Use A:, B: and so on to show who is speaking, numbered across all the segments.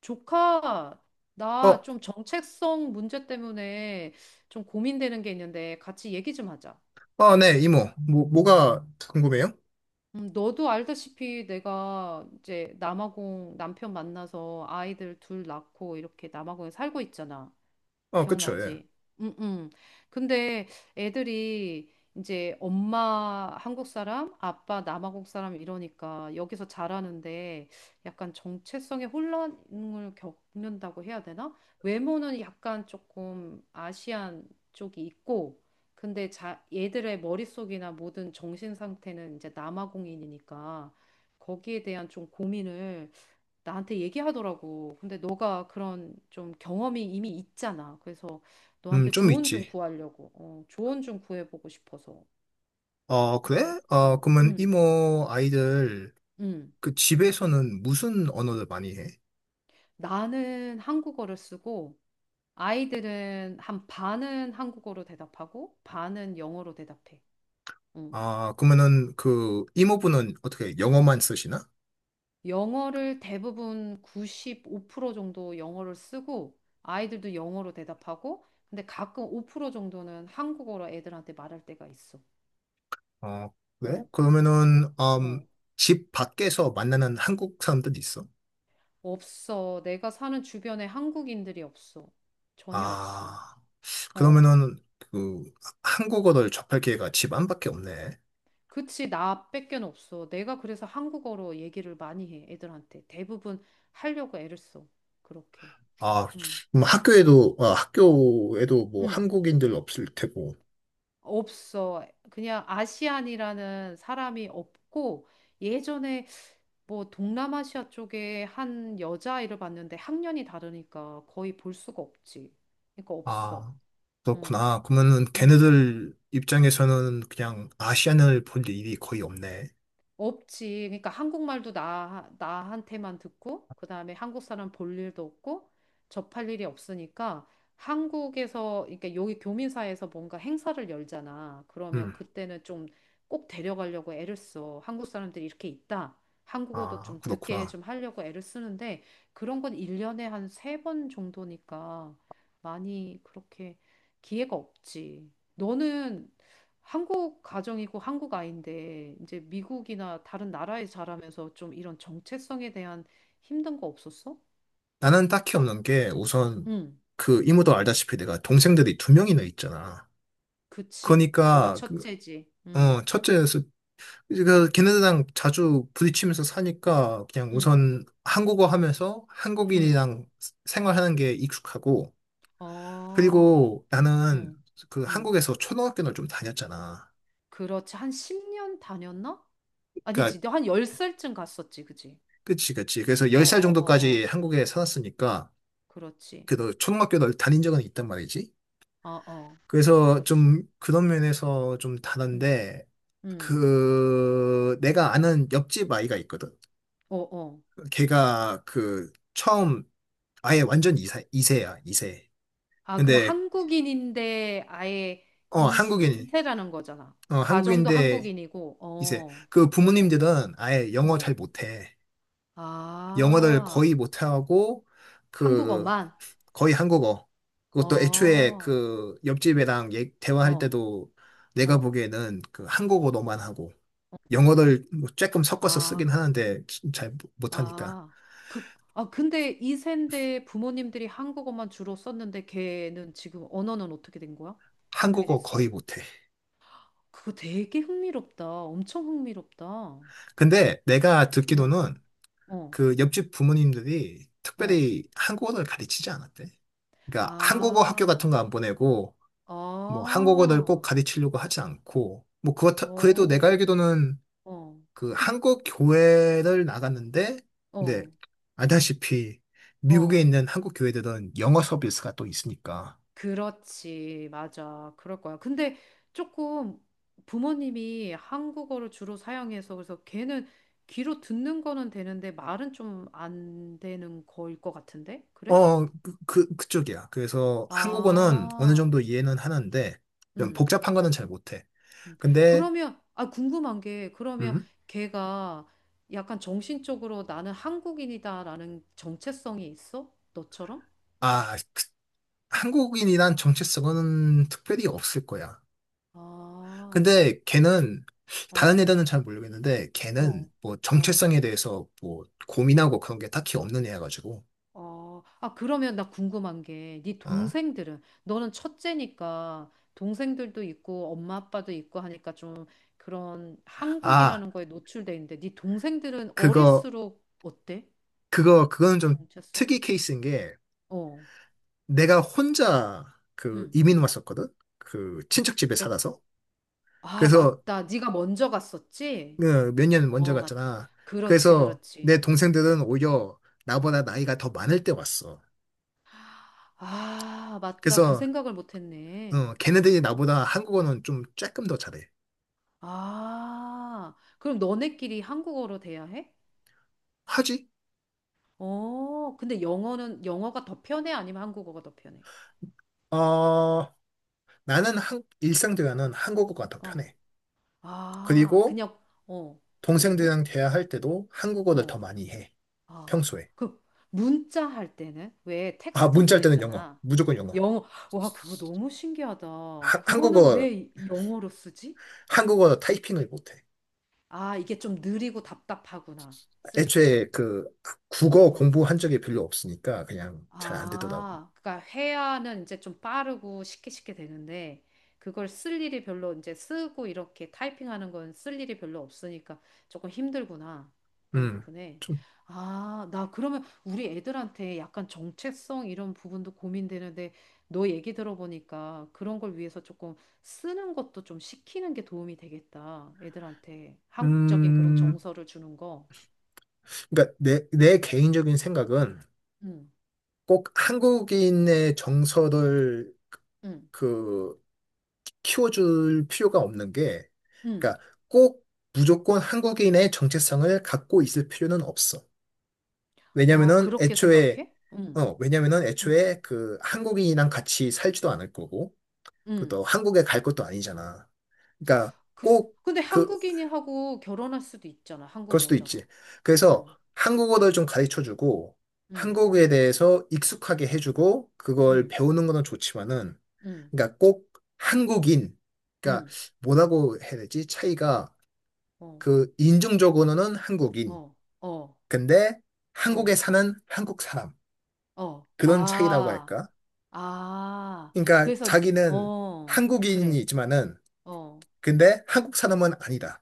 A: 조카, 나
B: 어,
A: 좀 정체성 문제 때문에 좀 고민되는 게 있는데 같이 얘기 좀 하자.
B: 아, 네, 이모. 뭐가 궁금해요?
A: 너도 알다시피 내가 이제 남아공 남편 만나서 아이들 둘 낳고 이렇게 남아공에 살고 있잖아.
B: 어, 그쵸, 예.
A: 기억나지? 응, 응. 근데 애들이 이제 엄마 한국 사람, 아빠 남아공 사람 이러니까 여기서 자라는데 약간 정체성의 혼란을 겪는다고 해야 되나? 외모는 약간 조금 아시안 쪽이 있고, 근데 자, 얘들의 머릿속이나 모든 정신 상태는 이제 남아공인이니까 거기에 대한 좀 고민을 나한테 얘기하더라고. 근데 너가 그런 좀 경험이 이미 있잖아. 그래서 너한테
B: 좀
A: 조언 좀
B: 있지.
A: 구하려고. 어, 조언 좀 구해보고 싶어서.
B: 어, 그래?
A: 너,
B: 어, 그러면 이모 아이들
A: 음.
B: 그 집에서는 무슨 언어를 많이 해?
A: 나는 한국어를 쓰고 아이들은 한 반은 한국어로 대답하고 반은 영어로 대답해. 응.
B: 아, 그러면은 그 이모분은 어떻게 영어만 쓰시나?
A: 영어를 대부분 95% 정도 영어를 쓰고 아이들도 영어로 대답하고 근데 가끔 5% 정도는 한국어로 애들한테 말할 때가 있어.
B: 어, 그래?
A: 어,
B: 그러면은,
A: 어.
B: 집 밖에서 만나는 한국 사람들 있어?
A: 없어. 내가 사는 주변에 한국인들이 없어. 전혀 없어.
B: 아,
A: 어.
B: 그러면은 그 한국어를 접할 기회가 집 안밖에 없네.
A: 그치, 나밖엔 없어. 내가 그래서 한국어로 얘기를 많이 해, 애들한테. 대부분 하려고 애를 써. 그렇게.
B: 아,
A: 응.
B: 그럼 학교에도 뭐
A: 응.
B: 한국인들 없을 테고.
A: 없어. 그냥 아시안이라는 사람이 없고, 예전에 뭐 동남아시아 쪽에 한 여자아이를 봤는데 학년이 다르니까 거의 볼 수가 없지. 그러니까 없어.
B: 아,
A: 응.
B: 그렇구나. 그러면은
A: 응.
B: 걔네들 입장에서는 그냥 아시안을 볼 일이 거의 없네.
A: 없지. 그러니까 한국말도 나, 나한테만 듣고, 그 다음에 한국 사람 볼 일도 없고, 접할 일이 없으니까, 한국에서, 그러니까 여기 교민사에서 뭔가 행사를 열잖아. 그러면
B: 음,
A: 그때는 좀 꼭 데려가려고 애를 써. 한국 사람들이 이렇게 있다. 한국어도
B: 아,
A: 좀 듣게
B: 그렇구나.
A: 좀 하려고 애를 쓰는데, 그런 건 1년에 한 세 번 정도니까, 많이 그렇게 기회가 없지. 너는 한국 가정이고 한국 아이인데 이제 미국이나 다른 나라에 자라면서 좀 이런 정체성에 대한 힘든 거 없었어?
B: 나는 딱히 없는 게 우선
A: 응,
B: 그 이모도 알다시피 내가 동생들이 두 명이나 있잖아.
A: 그치. 너가
B: 그러니까 그,
A: 첫째지. 응,
B: 어, 첫째에서 그 걔네들이랑 자주 부딪히면서 사니까 그냥
A: 응,
B: 우선 한국어 하면서
A: 응.
B: 한국인이랑 생활하는 게 익숙하고
A: 어,
B: 그리고 나는
A: 응,
B: 그
A: 응.
B: 한국에서 초등학교를 좀 다녔잖아.
A: 그렇지. 한 10년 다녔나? 아니지.
B: 그러니까
A: 너 한 10살쯤 갔었지. 그지?
B: 그치 그치. 그래서
A: 어, 어,
B: 10살
A: 어,
B: 정도까지
A: 어.
B: 한국에 살았으니까
A: 그렇지.
B: 그래도 초등학교를 다닌 적은 있단 말이지.
A: 어, 어.
B: 그래서
A: 그렇지.
B: 좀 그런 면에서 좀
A: 응,
B: 다른데
A: 응.
B: 그 내가 아는 옆집 아이가 있거든.
A: 어, 어.
B: 걔가 그 처음 아예 완전 이세, 이세야, 이세.
A: 아, 그래.
B: 근데,
A: 한국인인데 아예
B: 어,
A: 이, 이세라는 거잖아.
B: 어,
A: 가정도
B: 한국인데,
A: 한국인이고,
B: 이세.
A: 어,
B: 그
A: 어,
B: 부모님들은 아예 영어
A: 어.
B: 잘 못해. 영어를
A: 아,
B: 거의 못하고 그
A: 한국어만?
B: 거의 한국어. 그것도 애초에
A: 어,
B: 그 옆집애랑 대화할
A: 어,
B: 때도 내가
A: 어.
B: 보기에는 그 한국어로만 하고 영어를 뭐 조금 섞어서
A: 아,
B: 쓰긴
A: 그-
B: 하는데 잘 못하니까
A: 아. 그, 아, 근데 이세인데 부모님들이 한국어만 주로 썼는데 걔는 지금 언어는 어떻게 된 거야? 어떻게
B: 한국어
A: 됐어?
B: 거의 못해.
A: 그거 되게 흥미롭다. 엄청 흥미롭다.
B: 근데 내가
A: 어,
B: 듣기로는
A: 어,
B: 그 옆집 부모님들이
A: 어.
B: 특별히 한국어를 가르치지 않았대. 그러니까 한국어 학교 같은
A: 아.
B: 거 안 보내고 뭐
A: 아,
B: 한국어를 꼭 가르치려고 하지 않고 뭐 그렇다 그래도 내가
A: 어,
B: 알기로는
A: 어,
B: 그 한국 교회를 나갔는데, 근데
A: 어,
B: 알다시피 미국에
A: 어.
B: 있는 한국 교회들은 영어 서비스가 또 있으니까.
A: 그렇지, 맞아. 그럴 거야. 근데 조금 부모님이 한국어를 주로 사용해서 그래서 걔는 귀로 듣는 거는 되는데 말은 좀 안 되는 거일 것 같은데? 그래?
B: 어, 그쪽이야. 그래서 한국어는 어느
A: 아,
B: 정도 이해는 하는데, 좀
A: 음.
B: 복잡한 거는 잘 못해.
A: 음.
B: 근데,
A: 그러면, 아, 궁금한 게, 그러면
B: 음,
A: 걔가 약간 정신적으로 나는 한국인이다라는 정체성이 있어? 너처럼?
B: 아, 한국인이란 정체성은 특별히 없을 거야.
A: 아.
B: 근데 걔는, 다른
A: 어,
B: 애들은 잘 모르겠는데, 걔는
A: 어,
B: 뭐
A: 어,
B: 정체성에 대해서 뭐 고민하고 그런 게 딱히 없는 애여가지고,
A: 어. 아, 그러면 나 궁금한 게, 네
B: 어.
A: 동생들은, 너는 첫째니까 동생들도 있고 엄마 아빠도 있고 하니까 좀 그런
B: 아,
A: 한국이라는 거에 노출돼 있는데, 네 동생들은
B: 그거
A: 어릴수록 어때?
B: 그거는 좀
A: 정체성?
B: 특이 케이스인 게
A: 어,
B: 내가 혼자 그
A: 응.
B: 이민 왔었거든. 그 친척 집에
A: 너,
B: 살아서.
A: 아,
B: 그래서
A: 맞다. 네가 먼저 갔었지?
B: 어, 몇년 먼저
A: 어, 맞.
B: 갔잖아.
A: 그렇지,
B: 그래서 내
A: 그렇지.
B: 동생들은
A: 어,
B: 오히려 나보다
A: 어.
B: 나이가 더 많을 때 왔어.
A: 아, 맞다. 그
B: 그래서
A: 생각을 못 했네.
B: 어, 걔네들이 나보다 한국어는 좀 조금 더 잘해.
A: 아, 그럼 너네끼리 한국어로 돼야 해?
B: 하지?
A: 어, 근데 영어는, 영어가 더 편해? 아니면 한국어가 더 편해?
B: 어, 나는 일상 대화는 한국어가 더
A: 어,
B: 편해.
A: 아,
B: 그리고
A: 그냥, 어, 그리고,
B: 동생들이랑 대화할 때도 한국어를 더
A: 어,
B: 많이 해.
A: 아,
B: 평소에.
A: 그, 문자 할 때는 왜
B: 아,
A: 텍스트
B: 문자할 때는 영어.
A: 보내잖아.
B: 무조건 영어.
A: 영어, 와, 그거 너무 신기하다.
B: 하-
A: 그거는
B: 한국어,
A: 왜 영어로 쓰지?
B: 한국어 타이핑을 못해.
A: 아, 이게 좀 느리고 답답하구나. 쓸 때.
B: 애초에 그 국어
A: 어.
B: 공부한 적이 별로 없으니까 그냥 잘 안 되더라고.
A: 아, 그러니까 회화는 이제 좀 빠르고 쉽게 쉽게 되는데 그걸 쓸 일이 별로 이제 쓰고 이렇게 타이핑하는 건 쓸 일이 별로 없으니까 조금 힘들구나. 그런
B: 음,
A: 부분에.
B: 좀,
A: 아, 나 그러면 우리 애들한테 약간 정체성 이런 부분도 고민되는데 너 얘기 들어보니까 그런 걸 위해서 조금 쓰는 것도 좀 시키는 게 도움이 되겠다. 애들한테 한국적인 그런
B: 음,
A: 정서를 주는 거.
B: 그러니까 내 개인적인 생각은
A: 응,
B: 꼭 한국인의 정서를
A: 응,
B: 그 키워줄 필요가 없는 게,
A: 응.
B: 그러니까 꼭 무조건 한국인의 정체성을 갖고 있을 필요는 없어.
A: 아,
B: 왜냐면은
A: 그렇게
B: 애초에
A: 생각해? 응.
B: 어, 왜냐면은
A: 응.
B: 애초에 그 한국인이랑 같이 살지도 않을 거고,
A: 응.
B: 그것도 한국에 갈 것도 아니잖아. 그러니까
A: 그,
B: 꼭
A: 근데
B: 그,
A: 한국인이 하고 결혼할 수도 있잖아.
B: 그럴
A: 한국
B: 수도
A: 여자랑.
B: 있지. 그래서
A: 응.
B: 한국어를 좀 가르쳐주고
A: 응.
B: 한국에 대해서 익숙하게 해주고 그걸
A: 응.
B: 배우는 거는 좋지만은
A: 응.
B: 그러니까 꼭 한국인 그러니까
A: 응.
B: 뭐라고 해야 되지? 차이가
A: 어.
B: 그 인종적으로는 한국인
A: 어. 어.
B: 근데 한국에
A: 어.
B: 사는 한국 사람
A: 어.
B: 그런 차이라고
A: 아.
B: 할까?
A: 아.
B: 그러니까
A: 그래서
B: 자기는
A: 어. 그래.
B: 한국인이지만은
A: 어.
B: 근데 한국 사람은 아니다.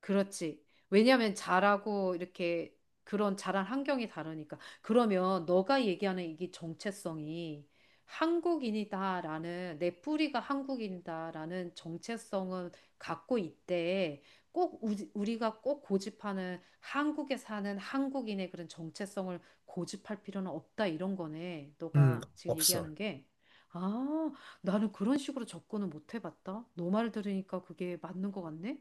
A: 그렇지. 왜냐하면 자라고 이렇게 그런 자란 환경이 다르니까. 그러면 너가 얘기하는 이게 정체성이 한국인이다라는 내 뿌리가 한국인이다라는 정체성은 갖고 있대. 꼭 우리가 꼭 고집하는 한국에 사는 한국인의 그런 정체성을 고집할 필요는 없다 이런 거네. 너가 지금
B: 없어.
A: 얘기하는 게. 아, 나는 그런 식으로 접근을 못 해봤다. 너 말 들으니까 그게 맞는 것 같네.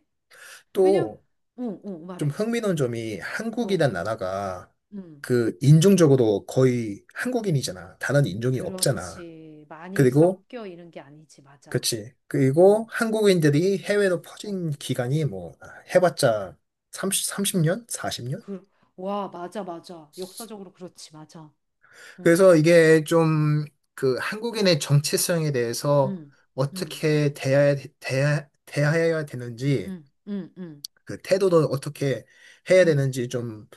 A: 왜냐,
B: 또
A: 어, 어,
B: 좀
A: 말해.
B: 흥미로운 점이
A: 어,
B: 한국이란 나라가
A: 음,
B: 그 인종적으로 거의 한국인이잖아. 다른 인종이 없잖아.
A: 그렇지. 많이
B: 그리고
A: 섞여 있는 게 아니지, 맞아.
B: 그치. 그리고
A: 어,
B: 한국인들이 해외로
A: 어,
B: 퍼진 기간이 뭐 아, 해봤자 30, 년 40년?
A: 그, 와, 맞아, 맞아. 역사적으로 그렇지, 맞아. 응,
B: 그래서 이게 좀 그 한국인의 정체성에 대해서
A: 응, 응,
B: 어떻게 대해야 되는지
A: 응, 응, 응,
B: 그 태도도 어떻게 해야
A: 응,
B: 되는지 좀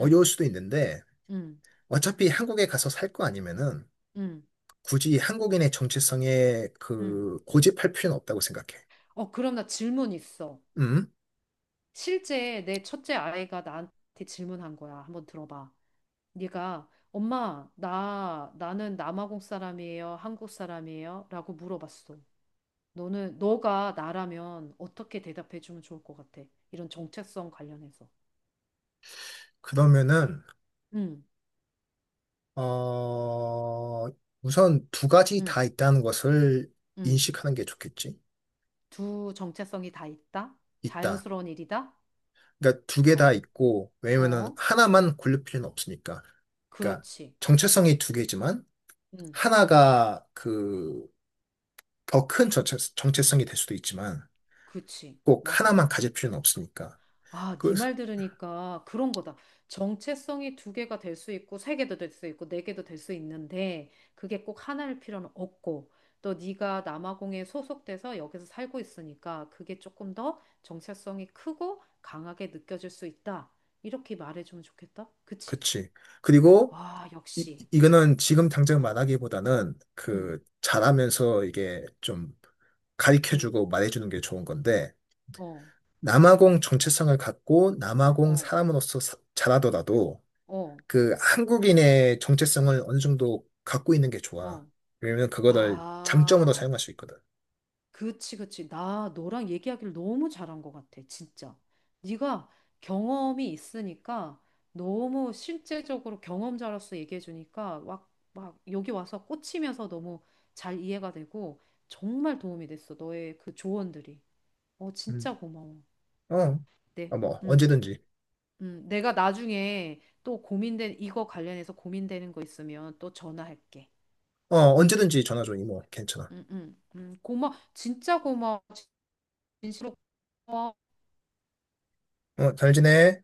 A: 응,
B: 수도 있는데
A: 응, 응.
B: 어차피 한국에 가서 살 거 아니면은
A: 응.
B: 굳이 한국인의 정체성에
A: 응.
B: 그 고집할 필요는 없다고 생각해.
A: 어, 그럼 나 질문 있어.
B: 음?
A: 실제 내 첫째 아이가 나한테 질문한 거야. 한번 들어봐. 네가 엄마, 나, 나는 남아공 사람이에요? 한국 사람이에요? 라고 물어봤어. 너는 너가 나라면 어떻게 대답해 주면 좋을 것 같아? 이런 정체성 관련해서.
B: 그러면은
A: 음,
B: 어 우선 두 가지
A: 음,
B: 다 있다는 것을
A: 음.
B: 인식하는 게 좋겠지.
A: 두 정체성이 다 있다.
B: 있다.
A: 자연스러운 일이다.
B: 그러니까 두 개 다
A: 어,
B: 있고 왜냐면은
A: 어,
B: 하나만 고를 필요는 없으니까. 그러니까
A: 그렇지.
B: 정체성이 두 개지만
A: 음,
B: 하나가 그 더 큰 정체성이 될 수도 있지만
A: 그치.
B: 꼭
A: 맞아.
B: 하나만 가질 필요는 없으니까.
A: 아,
B: 그
A: 네 말 들으니까 그런 거다. 정체성이 두 개가 될 수 있고 세 개도 될 수 있고 네 개도 될 수 있는데 그게 꼭 하나일 필요는 없고 또 네가 남아공에 소속돼서 여기서 살고 있으니까 그게 조금 더 정체성이 크고 강하게 느껴질 수 있다. 이렇게 말해주면 좋겠다. 그치?
B: 그치. 그리고
A: 아,
B: 이,
A: 역시.
B: 이거는 지금 당장
A: 응,
B: 말하기보다는
A: 응,
B: 그 잘하면서 이게 좀
A: 응.
B: 가르쳐주고 말해주는 게 좋은 건데
A: 어,
B: 남아공 정체성을 갖고 남아공
A: 어,
B: 사람으로서 잘하더라도
A: 어,
B: 그 한국인의 정체성을 어느 정도 갖고 있는 게 좋아.
A: 어.
B: 왜냐면 그거를 장점으로
A: 아.
B: 사용할 수 있거든.
A: 그치, 그치. 나 너랑 얘기하기를 너무 잘한 것 같아, 진짜. 네가 경험이 있으니까 너무 실제적으로 경험자로서 얘기해주니까 막, 막 여기 와서 꽂히면서 너무 잘 이해가 되고 정말 도움이 됐어, 너의 그 조언들이. 어,
B: 음.
A: 진짜 고마워.
B: 어,
A: 네,
B: 어, 뭐
A: 음,
B: 언제든지.
A: 내가 나중에 또 이거 관련해서 고민되는 거 있으면 또 전화할게.
B: 어, 언제든지 전화 줘, 이모. 괜찮아.
A: 고마워. 진짜 고마워. 진심으로 고마워.
B: 어, 잘 지내.